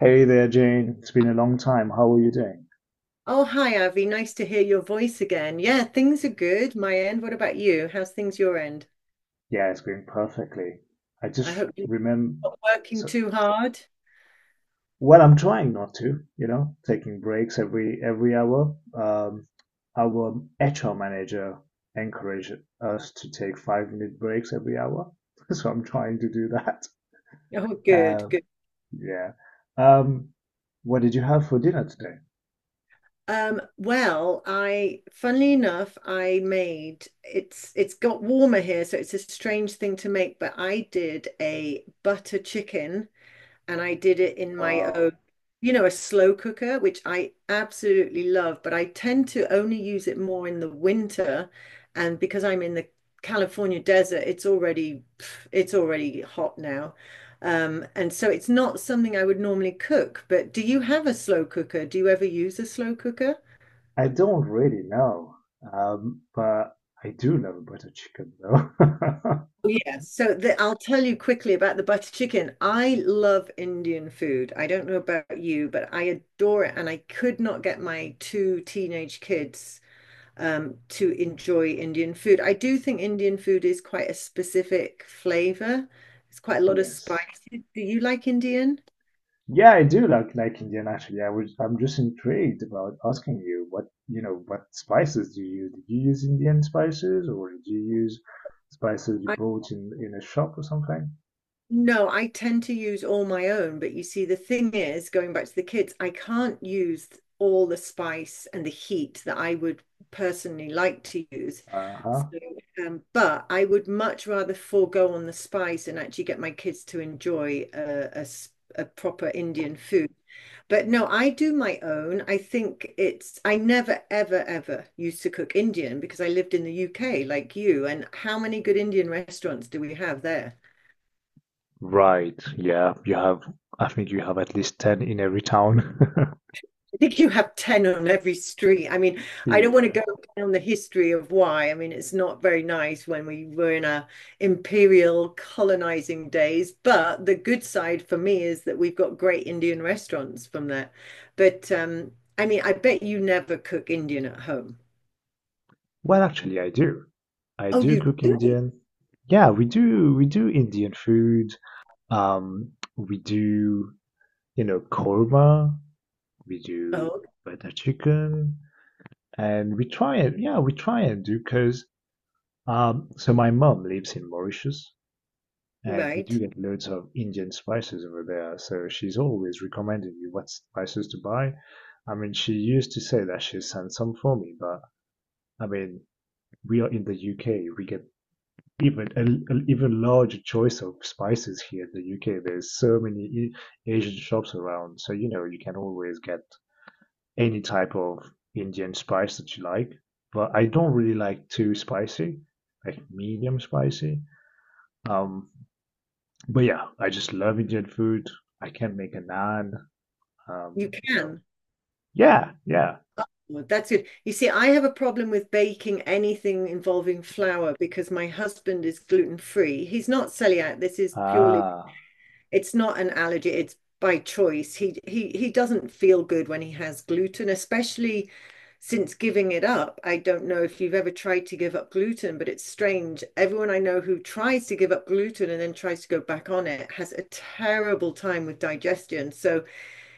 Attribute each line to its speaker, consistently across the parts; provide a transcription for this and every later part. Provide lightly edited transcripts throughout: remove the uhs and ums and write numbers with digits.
Speaker 1: Hey there, Jane. It's been a long time. How are you doing?
Speaker 2: Oh, hi, Avi. Nice to hear your voice again. Yeah, things are good, my end. What about you? How's things your end?
Speaker 1: Yeah, it's going perfectly. I
Speaker 2: I
Speaker 1: just
Speaker 2: hope you're
Speaker 1: remember,
Speaker 2: not working
Speaker 1: so,
Speaker 2: too hard.
Speaker 1: well, I'm trying not to, you know, taking breaks every hour. Our HR manager encouraged us to take 5 minute breaks every hour, so I'm trying to do that.
Speaker 2: Oh, good,
Speaker 1: Um,
Speaker 2: good.
Speaker 1: yeah. Um, what did you have for dinner today?
Speaker 2: Well, I, funnily enough, I made it's got warmer here, so it's a strange thing to make, but I did a butter chicken and I did it in my
Speaker 1: Wow.
Speaker 2: own, you know, a slow cooker, which I absolutely love, but I tend to only use it more in the winter. And because I'm in the California desert, it's already hot now. And so it's not something I would normally cook, but do you have a slow cooker? Do you ever use a slow cooker?
Speaker 1: I don't really know, but I do love butter chicken though.
Speaker 2: Yeah, so I'll tell you quickly about the butter chicken. I love Indian food. I don't know about you, but I adore it. And I could not get my two teenage kids to enjoy Indian food. I do think Indian food is quite a specific flavor. It's quite a lot of
Speaker 1: Yes.
Speaker 2: spices. Do you like Indian?
Speaker 1: Yeah, I do like Indian actually. I'm just intrigued about asking you what, you know, what spices do you use? Did you use Indian spices or did you use spices you bought in a shop or something?
Speaker 2: No, I tend to use all my own, but you see, the thing is, going back to the kids, I can't use all the spice and the heat that I would personally like to use.
Speaker 1: Uh-huh.
Speaker 2: So, but I would much rather forego on the spice and actually get my kids to enjoy a proper Indian food. But no, I do my own. I think I never, ever, ever used to cook Indian because I lived in the UK like you. And how many good Indian restaurants do we have there?
Speaker 1: Right, yeah, you have, I think you have at least 10 in every town.
Speaker 2: I think you have 10 on every street. I mean, I don't want to
Speaker 1: Yeah.
Speaker 2: go down the history of why. I mean, it's not very nice when we were in our imperial colonizing days, but the good side for me is that we've got great Indian restaurants from that. But I mean, I bet you never cook Indian at home.
Speaker 1: Well, actually, I do. I
Speaker 2: Oh,
Speaker 1: do
Speaker 2: you
Speaker 1: cook
Speaker 2: do?
Speaker 1: Indian. Yeah, we do. We do Indian food. Um, we do, you know, korma. We do
Speaker 2: Oh,
Speaker 1: butter chicken, and we try it. Yeah, we try and do because so my mom lives in Mauritius, and we do
Speaker 2: right.
Speaker 1: get loads of Indian spices over there. So she's always recommending me what spices to buy. I mean, she used to say that she sent some for me, but I mean, we are in the UK. We get even a even larger choice of spices here in the UK. There's so many E, Asian shops around, so you know you can always get any type of Indian spice that you like, but I don't really like too spicy, like medium spicy. Um, but yeah, I just love Indian food. I can make a naan.
Speaker 2: You
Speaker 1: You know,
Speaker 2: can.
Speaker 1: yeah, yeah.
Speaker 2: Well, that's good. You see, I have a problem with baking anything involving flour because my husband is gluten free. He's not celiac. This is purely
Speaker 1: Ah,
Speaker 2: it's not an allergy, it's by choice. He doesn't feel good when he has gluten, especially since giving it up. I don't know if you've ever tried to give up gluten, but it's strange. Everyone I know who tries to give up gluten and then tries to go back on it has a terrible time with digestion. So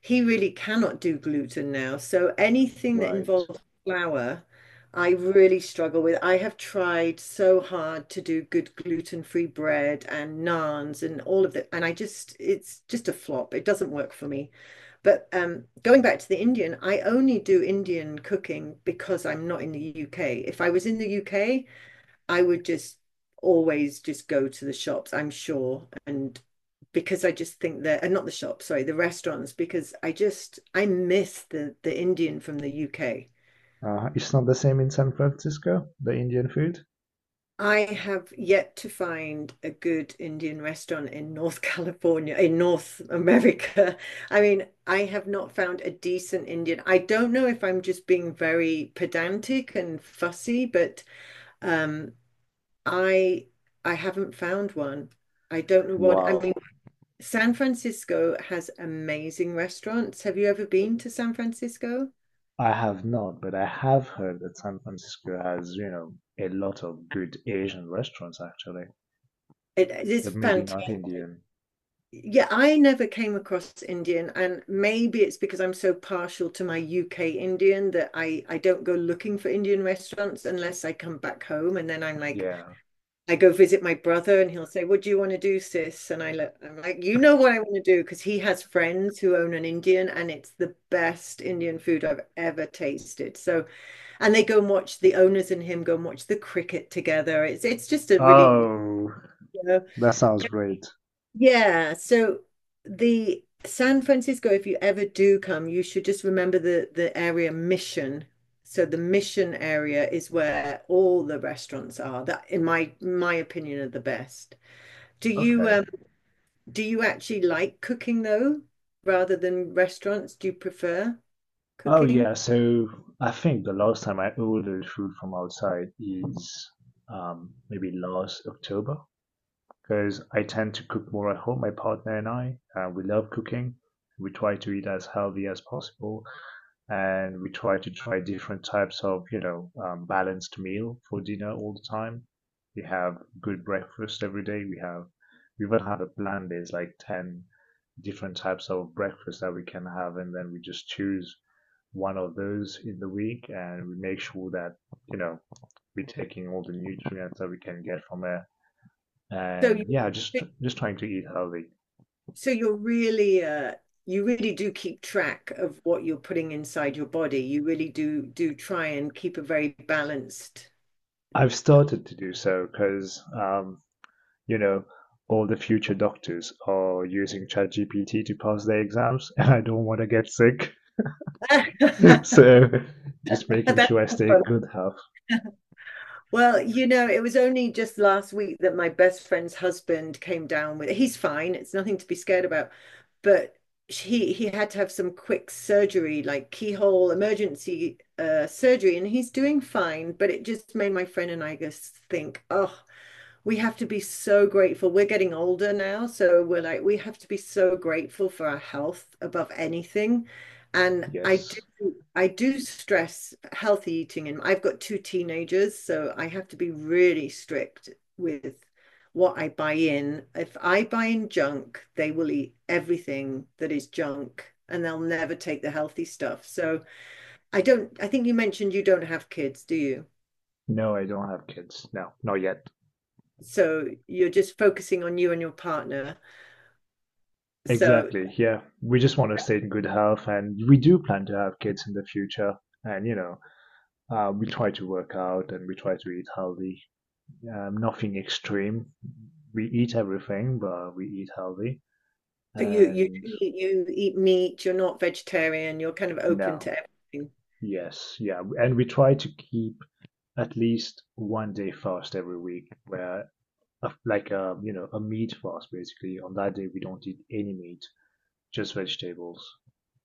Speaker 2: he really cannot do gluten now. So anything that
Speaker 1: right.
Speaker 2: involves flour, I really struggle with. I have tried so hard to do good gluten-free bread and naans and all of that, and I just it's just a flop. It doesn't work for me. But going back to the Indian, I only do Indian cooking because I'm not in the UK. If I was in the UK, I would just always just go to the shops, I'm sure. And because I just think that, and not the shops, sorry, the restaurants, because I miss the Indian from the UK.
Speaker 1: It's not the same in San Francisco, the Indian food.
Speaker 2: I have yet to find a good Indian restaurant in North California, in North America. I mean, I have not found a decent Indian. I don't know if I'm just being very pedantic and fussy, but um, I haven't found one. I don't know what, I mean,
Speaker 1: Wow,
Speaker 2: San Francisco has amazing restaurants. Have you ever been to San Francisco?
Speaker 1: I have not, but I have heard that San Francisco has, you know, a lot of good Asian restaurants actually,
Speaker 2: It is
Speaker 1: but maybe
Speaker 2: fantastic.
Speaker 1: not Indian.
Speaker 2: Yeah, I never came across Indian, and maybe it's because I'm so partial to my UK Indian that I don't go looking for Indian restaurants unless I come back home, and then I'm like,
Speaker 1: Yeah.
Speaker 2: I go visit my brother and he'll say, "What do you want to do, sis?" And I look, I'm like, "You know what I want to do?" Because he has friends who own an Indian and it's the best Indian food I've ever tasted. So, and they go and watch the owners and him go and watch the cricket together. It's just a really,
Speaker 1: Oh.
Speaker 2: you know,
Speaker 1: That sounds great.
Speaker 2: yeah. So the San Francisco, if you ever do come, you should just remember the area Mission. So the Mission area is where all the restaurants are that, in my opinion, are the best. Do you
Speaker 1: Okay.
Speaker 2: um do you actually like cooking though, rather than restaurants? Do you prefer
Speaker 1: Oh
Speaker 2: cooking?
Speaker 1: yeah, so I think the last time I ordered food from outside is maybe last October, because I tend to cook more at home, my partner and I, and we love cooking. We try to eat as healthy as possible, and we try to try different types of, you know, balanced meal for dinner all the time. We have good breakfast every day. We even have a plan. There's like 10 different types of breakfast that we can have, and then we just choose one of those in the week, and we make sure that, you know, we're taking all the nutrients that we can get from it,
Speaker 2: So
Speaker 1: and
Speaker 2: you
Speaker 1: yeah, just trying to eat healthy.
Speaker 2: so you're really you really do keep track of what you're putting inside your body. You really do try and keep a very balanced.
Speaker 1: I've started to do so because you know, all the future doctors are using ChatGPT to pass their exams, and I don't want to get sick. So just making
Speaker 2: that's
Speaker 1: sure I stay in good health.
Speaker 2: well, you know, it was only just last week that my best friend's husband came down with he's fine. It's nothing to be scared about. But he had to have some quick surgery, like keyhole emergency surgery, and he's doing fine. But it just made my friend and I just think, oh, we have to be so grateful. We're getting older now, so we're like, we have to be so grateful for our health above anything. And
Speaker 1: Yes.
Speaker 2: I do stress healthy eating, and I've got two teenagers, so I have to be really strict with what I buy in. If I buy in junk, they will eat everything that is junk, and they'll never take the healthy stuff. So I don't, I think you mentioned you don't have kids, do you?
Speaker 1: No, I don't have kids. No, not yet.
Speaker 2: So you're just focusing on you and your partner. So
Speaker 1: Exactly. Yeah. We just want to stay in good health and we do plan to have kids in the future. And, you know, we try to work out and we try to eat healthy. Nothing extreme. We eat everything, but we eat healthy.
Speaker 2: so you you
Speaker 1: And
Speaker 2: you eat meat, you're not vegetarian, you're kind of open
Speaker 1: no.
Speaker 2: to everything.
Speaker 1: Yes, yeah, and we try to keep at least one day fast every week, where like a you know a meat fast basically. On that day, we don't eat any meat, just vegetables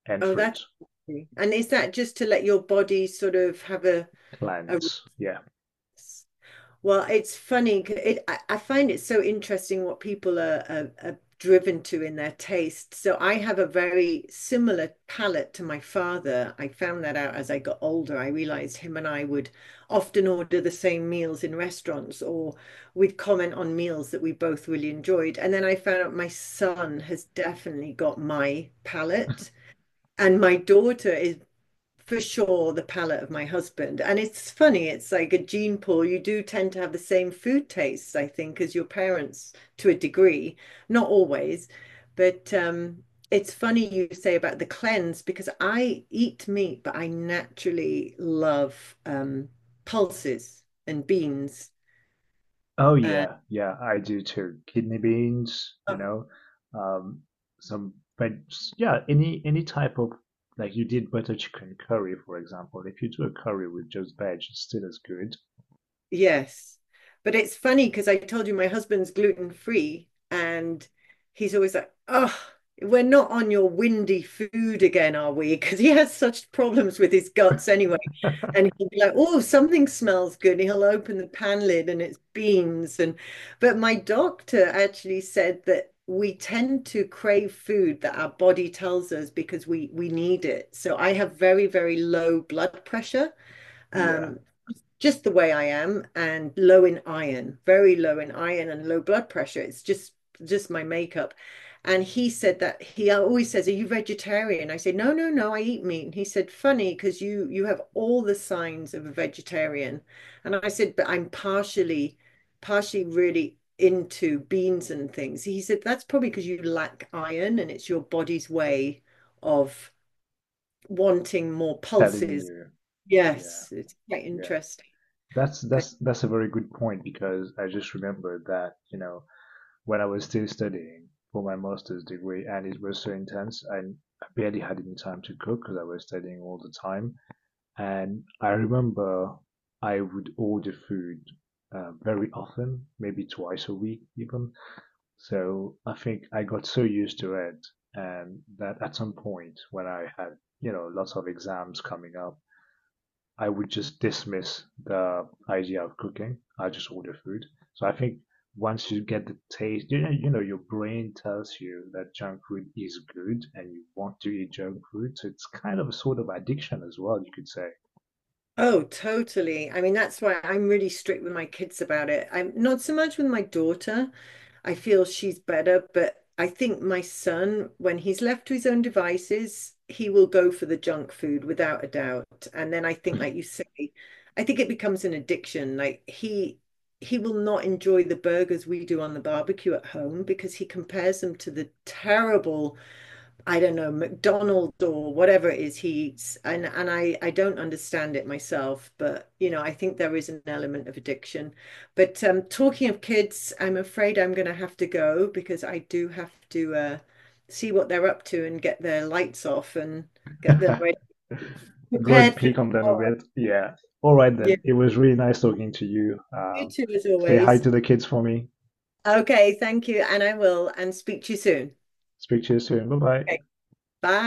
Speaker 1: and
Speaker 2: Oh,
Speaker 1: fruit,
Speaker 2: that's interesting. And is that just to let your body sort of have a
Speaker 1: plants. Yeah.
Speaker 2: rest? Well, it's funny, 'cause I find it so interesting what people are driven to in their taste. So I have a very similar palate to my father. I found that out as I got older. I realized him and I would often order the same meals in restaurants, or we'd comment on meals that we both really enjoyed. And then I found out my son has definitely got my palate. And my daughter is for sure the palate of my husband. And it's funny, it's like a gene pool. You do tend to have the same food tastes, I think, as your parents to a degree, not always, but it's funny you say about the cleanse because I eat meat, but I naturally love pulses and beans.
Speaker 1: Oh
Speaker 2: And
Speaker 1: yeah, yeah, I do too. Kidney beans, you know, um, some, but yeah, any type of, like you did butter chicken curry, for example. If you do a curry with just veg, it's still as good.
Speaker 2: yes. But it's funny because I told you my husband's gluten free and he's always like, oh, we're not on your windy food again, are we? Because he has such problems with his guts anyway. And he'll be like, oh, something smells good. And he'll open the pan lid and it's beans. And but my doctor actually said that we tend to crave food that our body tells us because we need it. So I have very, very low blood pressure.
Speaker 1: Yeah,
Speaker 2: Um, just the way I am and low in iron, very low in iron and low blood pressure. It's just my makeup. And he said that he always says, "Are you vegetarian?" I said, "No, no, no. I eat meat." And he said, "Funny, because you have all the signs of a vegetarian." And I said, "But I'm partially, partially really into beans and things." He said, "That's probably because you lack iron, and it's your body's way of wanting more
Speaker 1: telling
Speaker 2: pulses."
Speaker 1: you. Yeah.
Speaker 2: Yes, it's quite
Speaker 1: Yeah.
Speaker 2: interesting.
Speaker 1: That's
Speaker 2: But
Speaker 1: that's that's a very good point because I just remembered that, you know, when I was still studying for my master's degree and it was so intense, I barely had any time to cook because I was studying all the time. And I remember I would order food very often, maybe twice a week even. So I think I got so used to it, and that at some point when I had, you know, lots of exams coming up, I would just dismiss the idea of cooking. I just order food. So I think once you get the taste, you know, your brain tells you that junk food is good and you want to eat junk food. So it's kind of a sort of addiction as well, you could say.
Speaker 2: oh, totally. I mean, that's why I'm really strict with my kids about it. I'm not so much with my daughter. I feel she's better, but I think my son, when he's left to his own devices, he will go for the junk food without a doubt. And then I think, like you say, I think it becomes an addiction. Like he will not enjoy the burgers we do on the barbecue at home because he compares them to the terrible I don't know, McDonald's or whatever it is he eats. And I don't understand it myself, but you know, I think there is an element of addiction. But talking of kids, I'm afraid I'm gonna have to go because I do have to see what they're up to and get their lights off and get them ready,
Speaker 1: Go and
Speaker 2: prepared for
Speaker 1: peek on them a
Speaker 2: tomorrow.
Speaker 1: bit. Yeah. All right
Speaker 2: Yeah,
Speaker 1: then. It was really nice talking to you.
Speaker 2: you too, as
Speaker 1: Say hi
Speaker 2: always.
Speaker 1: to the kids for me.
Speaker 2: Okay, thank you, and I will, and speak to you soon.
Speaker 1: Speak to you soon. Bye bye.
Speaker 2: Okay, bye.